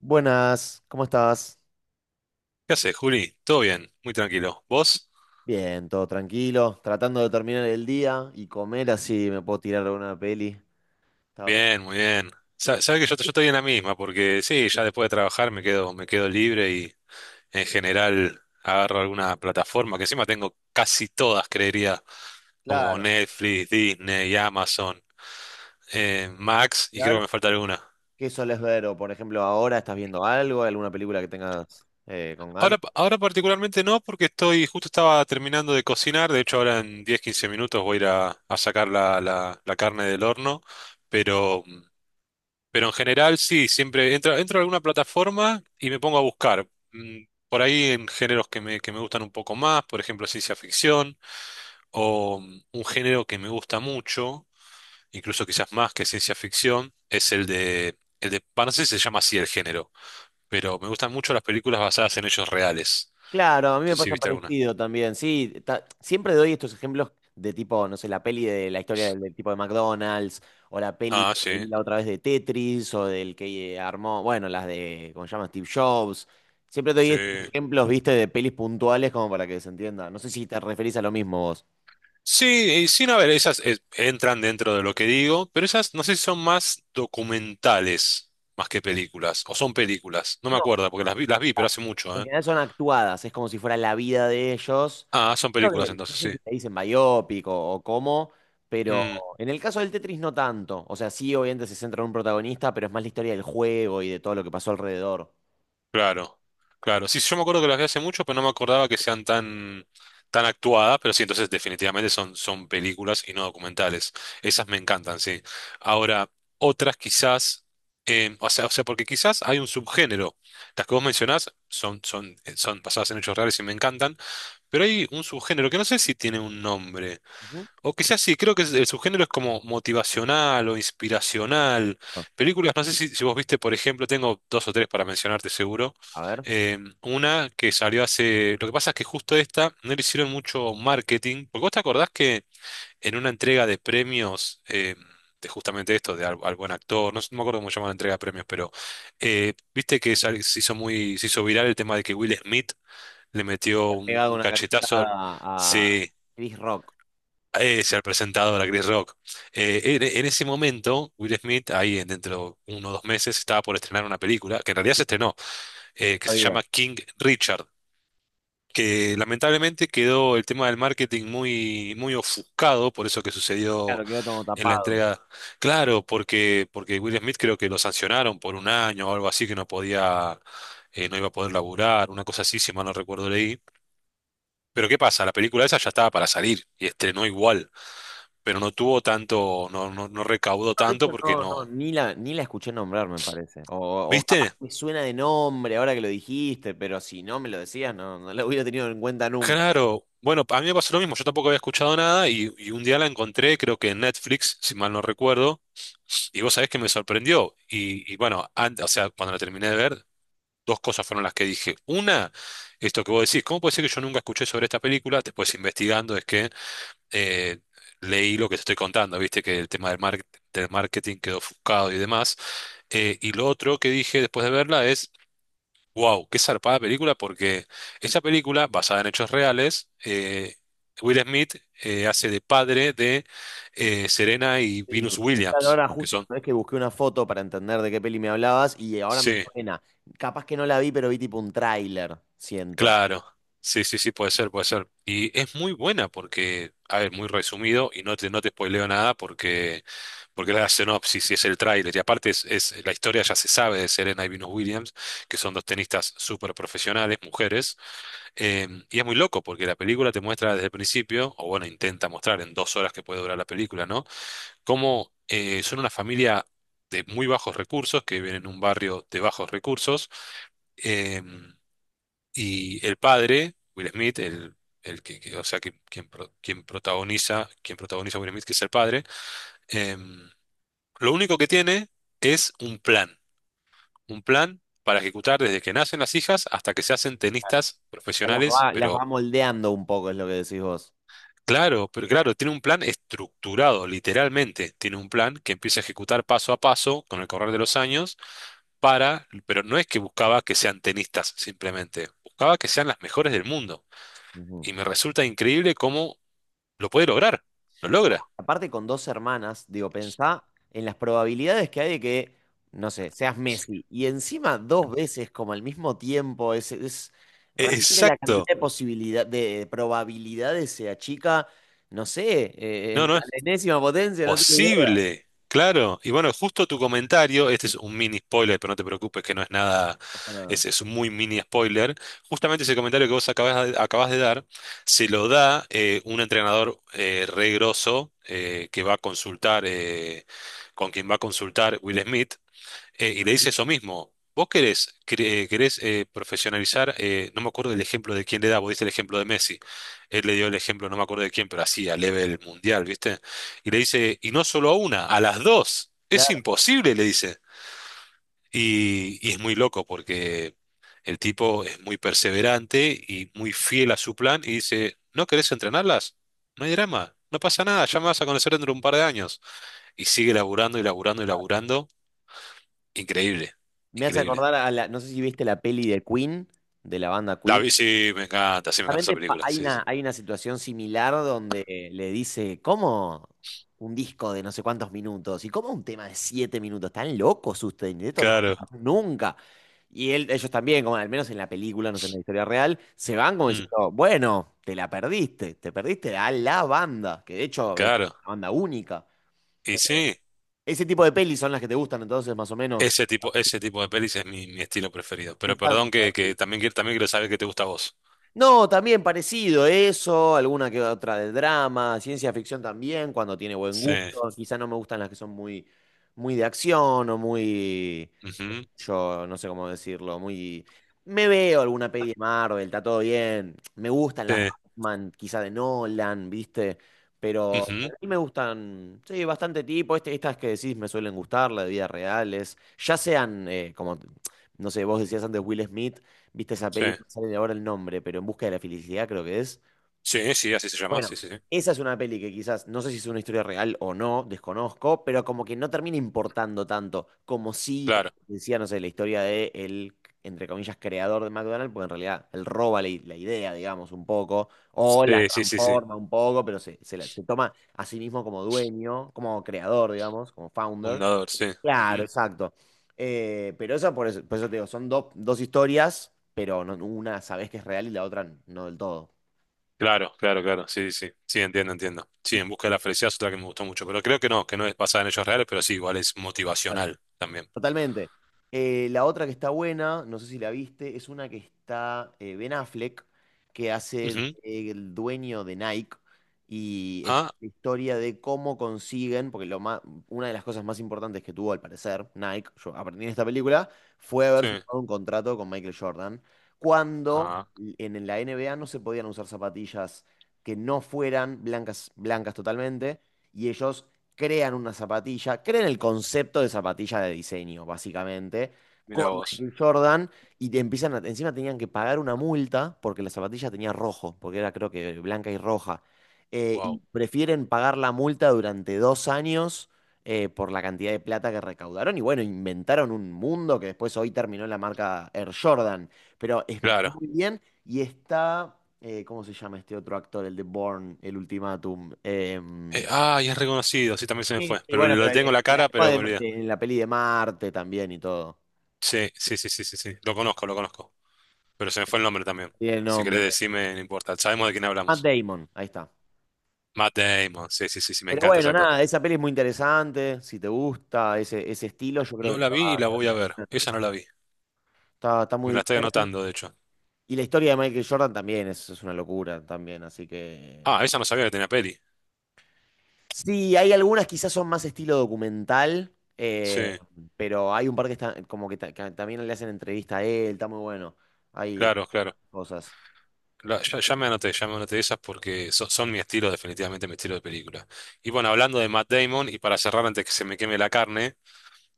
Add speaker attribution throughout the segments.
Speaker 1: Buenas, ¿cómo estás?
Speaker 2: ¿Qué haces, Juli? Todo bien, muy tranquilo. ¿Vos?
Speaker 1: Bien, todo tranquilo, tratando de terminar el día y comer así me puedo tirar alguna peli. Estaba pe-
Speaker 2: Bien, muy bien. Sabés que yo estoy en la misma, porque sí, ya después de trabajar me quedo, libre y en general agarro alguna plataforma, que encima tengo casi todas, creería, como
Speaker 1: Claro,
Speaker 2: Netflix, Disney, Amazon, Max,
Speaker 1: ¿y
Speaker 2: y creo que
Speaker 1: algo?
Speaker 2: me falta alguna.
Speaker 1: ¿Qué solés ver? O por ejemplo, ahora estás viendo algo, alguna película que tengas con ganas.
Speaker 2: Ahora particularmente no, porque justo estaba terminando de cocinar. De hecho, ahora en 10, 15 minutos voy a ir a sacar la carne del horno, pero. Pero en general sí, siempre entro a alguna plataforma y me pongo a buscar. Por ahí en géneros que me gustan un poco más, por ejemplo, ciencia ficción, o un género que me gusta mucho, incluso quizás más que ciencia ficción, es no sé si se llama así el género, pero me gustan mucho las películas basadas en hechos reales.
Speaker 1: Claro, a mí
Speaker 2: No sé
Speaker 1: me
Speaker 2: si
Speaker 1: pasa
Speaker 2: viste alguna.
Speaker 1: parecido también. Sí, ta- siempre doy estos ejemplos de tipo, no sé, la peli de la historia del tipo de McDonald's, o la peli
Speaker 2: Ah,
Speaker 1: que vi
Speaker 2: sí,
Speaker 1: la otra vez de Tetris, o del que armó, bueno, las de, ¿cómo se llama? Steve Jobs. Siempre doy
Speaker 2: sí.
Speaker 1: estos ejemplos, viste, de pelis puntuales como para que se entienda. No sé si te referís a lo mismo vos.
Speaker 2: Sí, y sin a ver, esas entran dentro de lo que digo, pero esas no sé si son más documentales más que películas, o son películas. No me
Speaker 1: No,
Speaker 2: acuerdo porque las vi, pero hace mucho,
Speaker 1: en
Speaker 2: ¿eh?
Speaker 1: general son actuadas, es como si fuera la vida de ellos.
Speaker 2: Ah, son
Speaker 1: Creo
Speaker 2: películas
Speaker 1: que, no
Speaker 2: entonces,
Speaker 1: sé si
Speaker 2: sí.
Speaker 1: le dicen biopic o cómo, pero
Speaker 2: Mm.
Speaker 1: en el caso del Tetris no tanto. O sea, sí, obviamente se centra en un protagonista, pero es más la historia del juego y de todo lo que pasó alrededor.
Speaker 2: Claro, claro. Sí, yo me acuerdo que las vi hace mucho, pero no me acordaba que sean tan actuadas, pero sí, entonces definitivamente son, son películas y no documentales. Esas me encantan, sí. Ahora, otras quizás, o sea, porque quizás hay un subgénero. Las que vos mencionás son basadas en hechos reales y me encantan, pero hay un subgénero que no sé si tiene un nombre.
Speaker 1: Ujú.
Speaker 2: O quizás sí, creo que el subgénero es como motivacional o inspiracional. Películas, no sé si vos viste, por ejemplo. Tengo dos o tres para mencionarte, seguro.
Speaker 1: A ver,
Speaker 2: Una que salió hace. Lo que pasa es que justo esta no le hicieron mucho marketing, porque vos te acordás que en una entrega de premios, de justamente esto, de al buen actor. No, no me acuerdo cómo se llama la entrega de premios, pero viste que se hizo viral el tema de que Will Smith le metió
Speaker 1: le ha
Speaker 2: un,
Speaker 1: pegado
Speaker 2: un
Speaker 1: una cachetada
Speaker 2: cachetazo.
Speaker 1: a
Speaker 2: Sí,
Speaker 1: Chris Rock.
Speaker 2: ser presentador a Chris Rock. En ese momento, Will Smith, ahí dentro de 1 o 2 meses, estaba por estrenar una película, que en realidad se estrenó, que
Speaker 1: Está
Speaker 2: se
Speaker 1: bien.
Speaker 2: llama King Richard,
Speaker 1: Que-
Speaker 2: que lamentablemente quedó el tema del marketing muy, muy ofuscado por eso que sucedió
Speaker 1: Claro, quedó todo
Speaker 2: en la
Speaker 1: tapado.
Speaker 2: entrega. Claro, porque, Will Smith creo que lo sancionaron por un año o algo así, que no podía, no iba a poder laburar, una cosa así, si mal no recuerdo leí. Pero ¿qué pasa? La película esa ya estaba para salir y estrenó igual, pero no tuvo tanto, no recaudó
Speaker 1: No, de
Speaker 2: tanto
Speaker 1: hecho,
Speaker 2: porque
Speaker 1: no, no,
Speaker 2: no.
Speaker 1: ni la escuché nombrar, me parece. O capaz
Speaker 2: ¿Viste?
Speaker 1: me suena de nombre ahora que lo dijiste, pero si no me lo decías, no, no lo hubiera tenido en cuenta nunca.
Speaker 2: Claro. Bueno, a mí me pasó lo mismo, yo tampoco había escuchado nada, y y un día la encontré, creo que en Netflix, si mal no recuerdo, y vos sabés que me sorprendió. Y bueno, o sea, cuando la terminé de ver, dos cosas fueron las que dije. Una, esto que vos decís, ¿cómo puede ser que yo nunca escuché sobre esta película? Después, investigando, es que eh, leí lo que te estoy contando, viste que el tema del marketing quedó ofuscado y demás. Y lo otro que dije después de verla es. Wow, qué zarpada película, porque esta película, basada en hechos reales, Will Smith hace de padre de Serena y
Speaker 1: Sí,
Speaker 2: Venus
Speaker 1: no. Claro,
Speaker 2: Williams,
Speaker 1: ahora
Speaker 2: que
Speaker 1: justo
Speaker 2: son.
Speaker 1: sabés que busqué una foto para entender de qué peli me hablabas y ahora me
Speaker 2: Sí,
Speaker 1: suena. Capaz que no la vi, pero vi tipo un tráiler, siento.
Speaker 2: claro. Sí, sí, sí, puede ser, puede ser. Y es muy buena porque, a ver, muy resumido, y no te spoileo nada, porque, porque es la sinopsis y es el tráiler. Y aparte es, la historia ya se sabe de Serena y Venus Williams, que son dos tenistas súper profesionales, mujeres. Em, y es muy loco porque la película te muestra desde el principio, o bueno, intenta mostrar en 2 horas que puede durar la película, ¿no? Cómo son una familia de muy bajos recursos, que viven en un barrio de bajos recursos. em, y el padre, Will Smith, el que, o sea, quien protagoniza a Will Smith, que es el padre. em, lo único que tiene es un plan para ejecutar desde que nacen las hijas hasta que se hacen
Speaker 1: Claro.
Speaker 2: tenistas
Speaker 1: Las
Speaker 2: profesionales.
Speaker 1: va, las va moldeando un poco, es lo que decís vos.
Speaker 2: Claro, pero claro, tiene un plan estructurado, literalmente. Tiene un plan que empieza a ejecutar paso a paso con el correr de los años, para, pero no es que buscaba que sean tenistas simplemente, buscaba que sean las mejores del mundo.
Speaker 1: Ujú.
Speaker 2: Y me resulta increíble cómo lo puede lograr. Lo logra.
Speaker 1: Aparte con dos hermanas, digo, pensá en las probabilidades que hay de que, no sé, seas Messi. Y encima dos veces, como al mismo tiempo, es
Speaker 2: E-
Speaker 1: realmente la cantidad
Speaker 2: Exacto.
Speaker 1: de posibilidad, de probabilidades se achica, no sé,
Speaker 2: No,
Speaker 1: en-
Speaker 2: no,
Speaker 1: la enésima potencia, no tengo
Speaker 2: posible, claro. Y bueno, justo tu comentario, este es un mini spoiler, pero no te preocupes que no es nada,
Speaker 1: idea.
Speaker 2: es, un muy mini spoiler. Justamente ese comentario que vos acabas de dar, se lo da un entrenador re grosso que va a consultar, con quien va a consultar Will Smith, y le dice eso mismo. Vos querés profesionalizar, no me acuerdo el ejemplo de quién le da, vos diste el ejemplo de Messi. Él le dio el ejemplo, no me acuerdo de quién, pero así, a nivel mundial, ¿viste? Y le dice, y no solo a una, a las dos. Es
Speaker 1: Claro,
Speaker 2: imposible, le dice. Y es muy loco porque el tipo es muy perseverante y muy fiel a su plan y dice, ¿no querés entrenarlas? No hay drama, no pasa nada, ya me vas a conocer dentro de un par de años. Y sigue laburando y laburando y laburando. Increíble,
Speaker 1: me hace
Speaker 2: increíble.
Speaker 1: acordar a la, no sé si viste la peli de Queen, de la banda
Speaker 2: La
Speaker 1: Queen.
Speaker 2: vi, sí, me encanta esa
Speaker 1: Justamente pa-
Speaker 2: película. Sí, sí.
Speaker 1: hay una situación similar donde le dice, ¿cómo un disco de no sé cuántos minutos? ¿Y cómo un tema de siete minutos? ¿Están locos ustedes? Esto no va
Speaker 2: Claro.
Speaker 1: a pasar nunca. Y él, ellos también, como al menos en la película, no sé, en la historia real, se van como
Speaker 2: Mm,
Speaker 1: diciendo, bueno, te la perdiste, te perdiste a la banda, que de hecho es
Speaker 2: claro.
Speaker 1: una banda única.
Speaker 2: Y
Speaker 1: Eh,
Speaker 2: sí,
Speaker 1: Ese tipo de pelis son las que te gustan entonces, más o menos.
Speaker 2: ese tipo de pelis es mi, mi estilo preferido. Pero
Speaker 1: Pensando.
Speaker 2: perdón, que, también, también quiero saber qué te gusta a vos.
Speaker 1: No, también parecido eso, alguna que otra de drama, ciencia ficción también, cuando tiene buen
Speaker 2: Sí.
Speaker 1: gusto. Quizá no me gustan las que son muy, muy de acción o muy,
Speaker 2: Ujú.
Speaker 1: yo no sé cómo decirlo, muy... Me veo alguna peli de Marvel, está todo bien. Me gustan
Speaker 2: Sí.
Speaker 1: las Batman, quizá de Nolan, ¿viste? Pero a
Speaker 2: Ujú,
Speaker 1: mí me gustan, sí, bastante tipo. Este, estas que decís me suelen gustar, las de vidas reales. Ya sean, como, no sé, vos decías antes Will Smith, ¿viste esa
Speaker 2: Sí.
Speaker 1: peli? No me sale ahora el nombre, pero En busca de la felicidad creo que es.
Speaker 2: Sí, sí, así se llama.
Speaker 1: Bueno,
Speaker 2: Sí, sí, sí.
Speaker 1: esa es una peli que quizás, no sé si es una historia real o no, desconozco, pero como que no termina importando tanto, como si
Speaker 2: Claro.
Speaker 1: decía, no sé, la historia de el, entre comillas, creador de McDonald's, porque en realidad él roba la, i- la idea, digamos, un poco, o la
Speaker 2: Sí, sí, sí, sí.
Speaker 1: transforma un poco, pero se, la- se toma a sí mismo como dueño, como creador, digamos, como founder.
Speaker 2: Fundador, sí.
Speaker 1: Claro,
Speaker 2: Ujú.
Speaker 1: exacto. Pero eso por, eso, por eso te digo, son dos historias, pero no- una sabés que es real y la otra no del todo.
Speaker 2: Claro, claro, claro. Sí, sí, sí. Sí, entiendo, entiendo. Sí, En busca de la felicidad es otra que me gustó mucho. Pero creo que no es basada en hechos reales, pero sí, igual es motivacional también.
Speaker 1: Totalmente. La otra que está buena, no sé si la viste, es una que está Ben Affleck, que hace
Speaker 2: Ujú.
Speaker 1: el dueño de Nike y es
Speaker 2: Ah,
Speaker 1: la historia de cómo consiguen, porque lo ma- una de las cosas más importantes que tuvo al parecer Nike, yo aprendí en esta película, fue haber
Speaker 2: sí.
Speaker 1: firmado un contrato con Michael Jordan, cuando
Speaker 2: Ah,
Speaker 1: en la NBA no se podían usar zapatillas que no fueran blancas, blancas totalmente, y ellos crean una zapatilla, crean el concepto de zapatilla de diseño, básicamente, con
Speaker 2: mira vos.
Speaker 1: Michael Jordan, y te empiezan a- encima tenían que pagar una multa porque la zapatilla tenía rojo, porque era creo que blanca y roja. Y
Speaker 2: Wow.
Speaker 1: prefieren pagar la multa durante dos años por la cantidad de plata que recaudaron. Y bueno, inventaron un mundo que después hoy terminó en la marca Air Jordan. Pero es
Speaker 2: Claro.
Speaker 1: muy bien. Y está, ¿cómo se llama este otro actor? El de Bourne, el Ultimátum. Em,
Speaker 2: Ah, y es reconocido, sí, también se me fue. Pero lo tengo en la cara, pero me olvidé.
Speaker 1: en la peli de Marte también y todo.
Speaker 2: Sí, sí, sí, sí, sí, sí. Lo conozco, lo conozco. Pero se me fue el nombre también.
Speaker 1: Tiene el
Speaker 2: Si querés
Speaker 1: nombre.
Speaker 2: decirme, no importa. Sabemos de quién
Speaker 1: Matt
Speaker 2: hablamos.
Speaker 1: Damon, ahí está.
Speaker 2: Matt Damon, sí, sí, sí, sí, me
Speaker 1: Pero
Speaker 2: encanta ese
Speaker 1: bueno,
Speaker 2: actor.
Speaker 1: nada, esa peli es muy interesante. Si te gusta ese estilo, yo creo
Speaker 2: No
Speaker 1: que
Speaker 2: la
Speaker 1: te
Speaker 2: vi
Speaker 1: va
Speaker 2: y
Speaker 1: a
Speaker 2: la voy a
Speaker 1: encantar.
Speaker 2: ver. Esa no la vi.
Speaker 1: Está, está
Speaker 2: Me
Speaker 1: muy
Speaker 2: la estoy
Speaker 1: bien.
Speaker 2: anotando, de hecho.
Speaker 1: Y la historia de Michael Jordan también es una locura también, así que...
Speaker 2: Ah, esa no sabía que tenía peli.
Speaker 1: Sí, hay algunas quizás son más estilo documental,
Speaker 2: Sí,
Speaker 1: pero hay un par que está como que, ta- que también le hacen entrevista a él, está muy bueno. Hay
Speaker 2: claro, claro.
Speaker 1: cosas.
Speaker 2: Ya me anoté esas, porque son mi estilo, definitivamente mi estilo de película. Y bueno, hablando de Matt Damon, y para cerrar antes que se me queme la carne,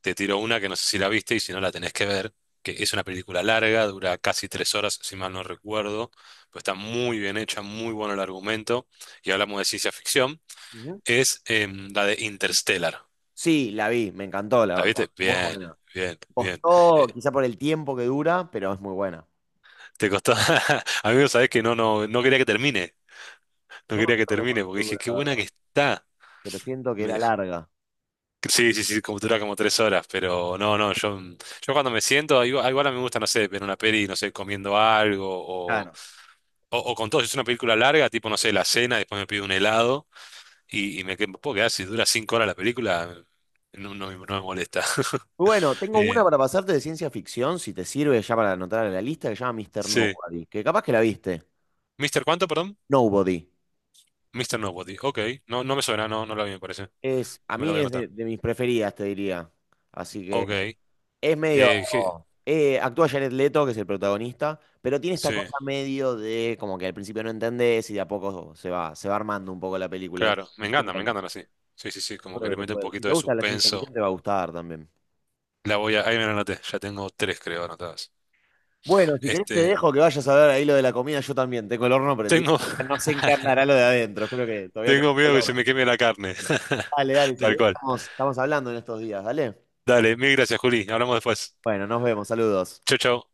Speaker 2: te tiro una que no sé si la viste, y si no, la tenés que ver, que es una película larga, dura casi 3 horas, si mal no recuerdo, pero está muy bien hecha, muy bueno el argumento, y hablamos de ciencia ficción,
Speaker 1: Ujú.
Speaker 2: es la de Interstellar.
Speaker 1: Sí, la vi, me encantó, la
Speaker 2: ¿La
Speaker 1: verdad.
Speaker 2: viste?
Speaker 1: Muy
Speaker 2: Bien,
Speaker 1: buena.
Speaker 2: bien, bien.
Speaker 1: Costó,
Speaker 2: Eh,
Speaker 1: quizá por el tiempo que dura, pero es muy buena.
Speaker 2: te costó, amigo, sabés que no, no, no quería que termine, no
Speaker 1: No me
Speaker 2: quería que
Speaker 1: acuerdo
Speaker 2: termine, porque
Speaker 1: cuánto
Speaker 2: dije,
Speaker 1: dura,
Speaker 2: qué
Speaker 1: la
Speaker 2: buena que
Speaker 1: verdad,
Speaker 2: está.
Speaker 1: pero siento que
Speaker 2: Me
Speaker 1: era
Speaker 2: dejó.
Speaker 1: larga.
Speaker 2: Sí, sí, sí, como dura como 3 horas, pero no, no, yo. Yo, cuando me siento, igual, igual a mí me gusta, no sé, ver una peli, no sé, comiendo algo. O,
Speaker 1: Claro.
Speaker 2: o con todo, si es una película larga, tipo, no sé, la cena, después me pido un helado, y puedo quedar, si dura 5 horas la película, no, no, me no me molesta.
Speaker 1: Muy Bueno, tengo una
Speaker 2: Eh,
Speaker 1: para pasarte de ciencia ficción, si te sirve ya para anotar a la lista, que se llama Mr.
Speaker 2: sí.
Speaker 1: Nobody, que capaz que la viste.
Speaker 2: ¿Mister cuánto, perdón?
Speaker 1: Nobody.
Speaker 2: Mister Nobody. Ok, no, no me suena, no, no la vi, me parece.
Speaker 1: Es, a
Speaker 2: Me lo voy a
Speaker 1: mí es
Speaker 2: anotar.
Speaker 1: de mis preferidas, te diría. Así que
Speaker 2: Ok.
Speaker 1: es medio...
Speaker 2: Eh, je-
Speaker 1: actúa Jared Leto, que es el protagonista, pero tiene esta
Speaker 2: sí,
Speaker 1: cosa medio de como que al principio no entendés y de a poco se va armando un poco la película.
Speaker 2: claro,
Speaker 1: Es muy
Speaker 2: me
Speaker 1: buena.
Speaker 2: encantan así. Sí, sí, sí, como
Speaker 1: Creo
Speaker 2: que
Speaker 1: que
Speaker 2: le
Speaker 1: te
Speaker 2: mete un
Speaker 1: puede- Si
Speaker 2: poquito
Speaker 1: te
Speaker 2: de
Speaker 1: gusta la ciencia
Speaker 2: suspenso.
Speaker 1: ficción, te va a gustar también.
Speaker 2: La voy a, ahí me la anoté, ya tengo tres, creo, anotadas.
Speaker 1: Bueno, si querés te
Speaker 2: Este,
Speaker 1: dejo que vayas a ver ahí lo de la comida, yo también. Tengo el horno prendido.
Speaker 2: tengo,
Speaker 1: Ya no se encarnará lo de adentro. Espero que todavía tenga
Speaker 2: tengo miedo que
Speaker 1: color.
Speaker 2: se me queme la carne.
Speaker 1: Dale, dale, si
Speaker 2: Tal
Speaker 1: querés
Speaker 2: cual.
Speaker 1: estamos, estamos hablando en estos días, dale.
Speaker 2: Dale, mil gracias, Juli. Hablamos después.
Speaker 1: Bueno, nos vemos, saludos.
Speaker 2: Chao, chao.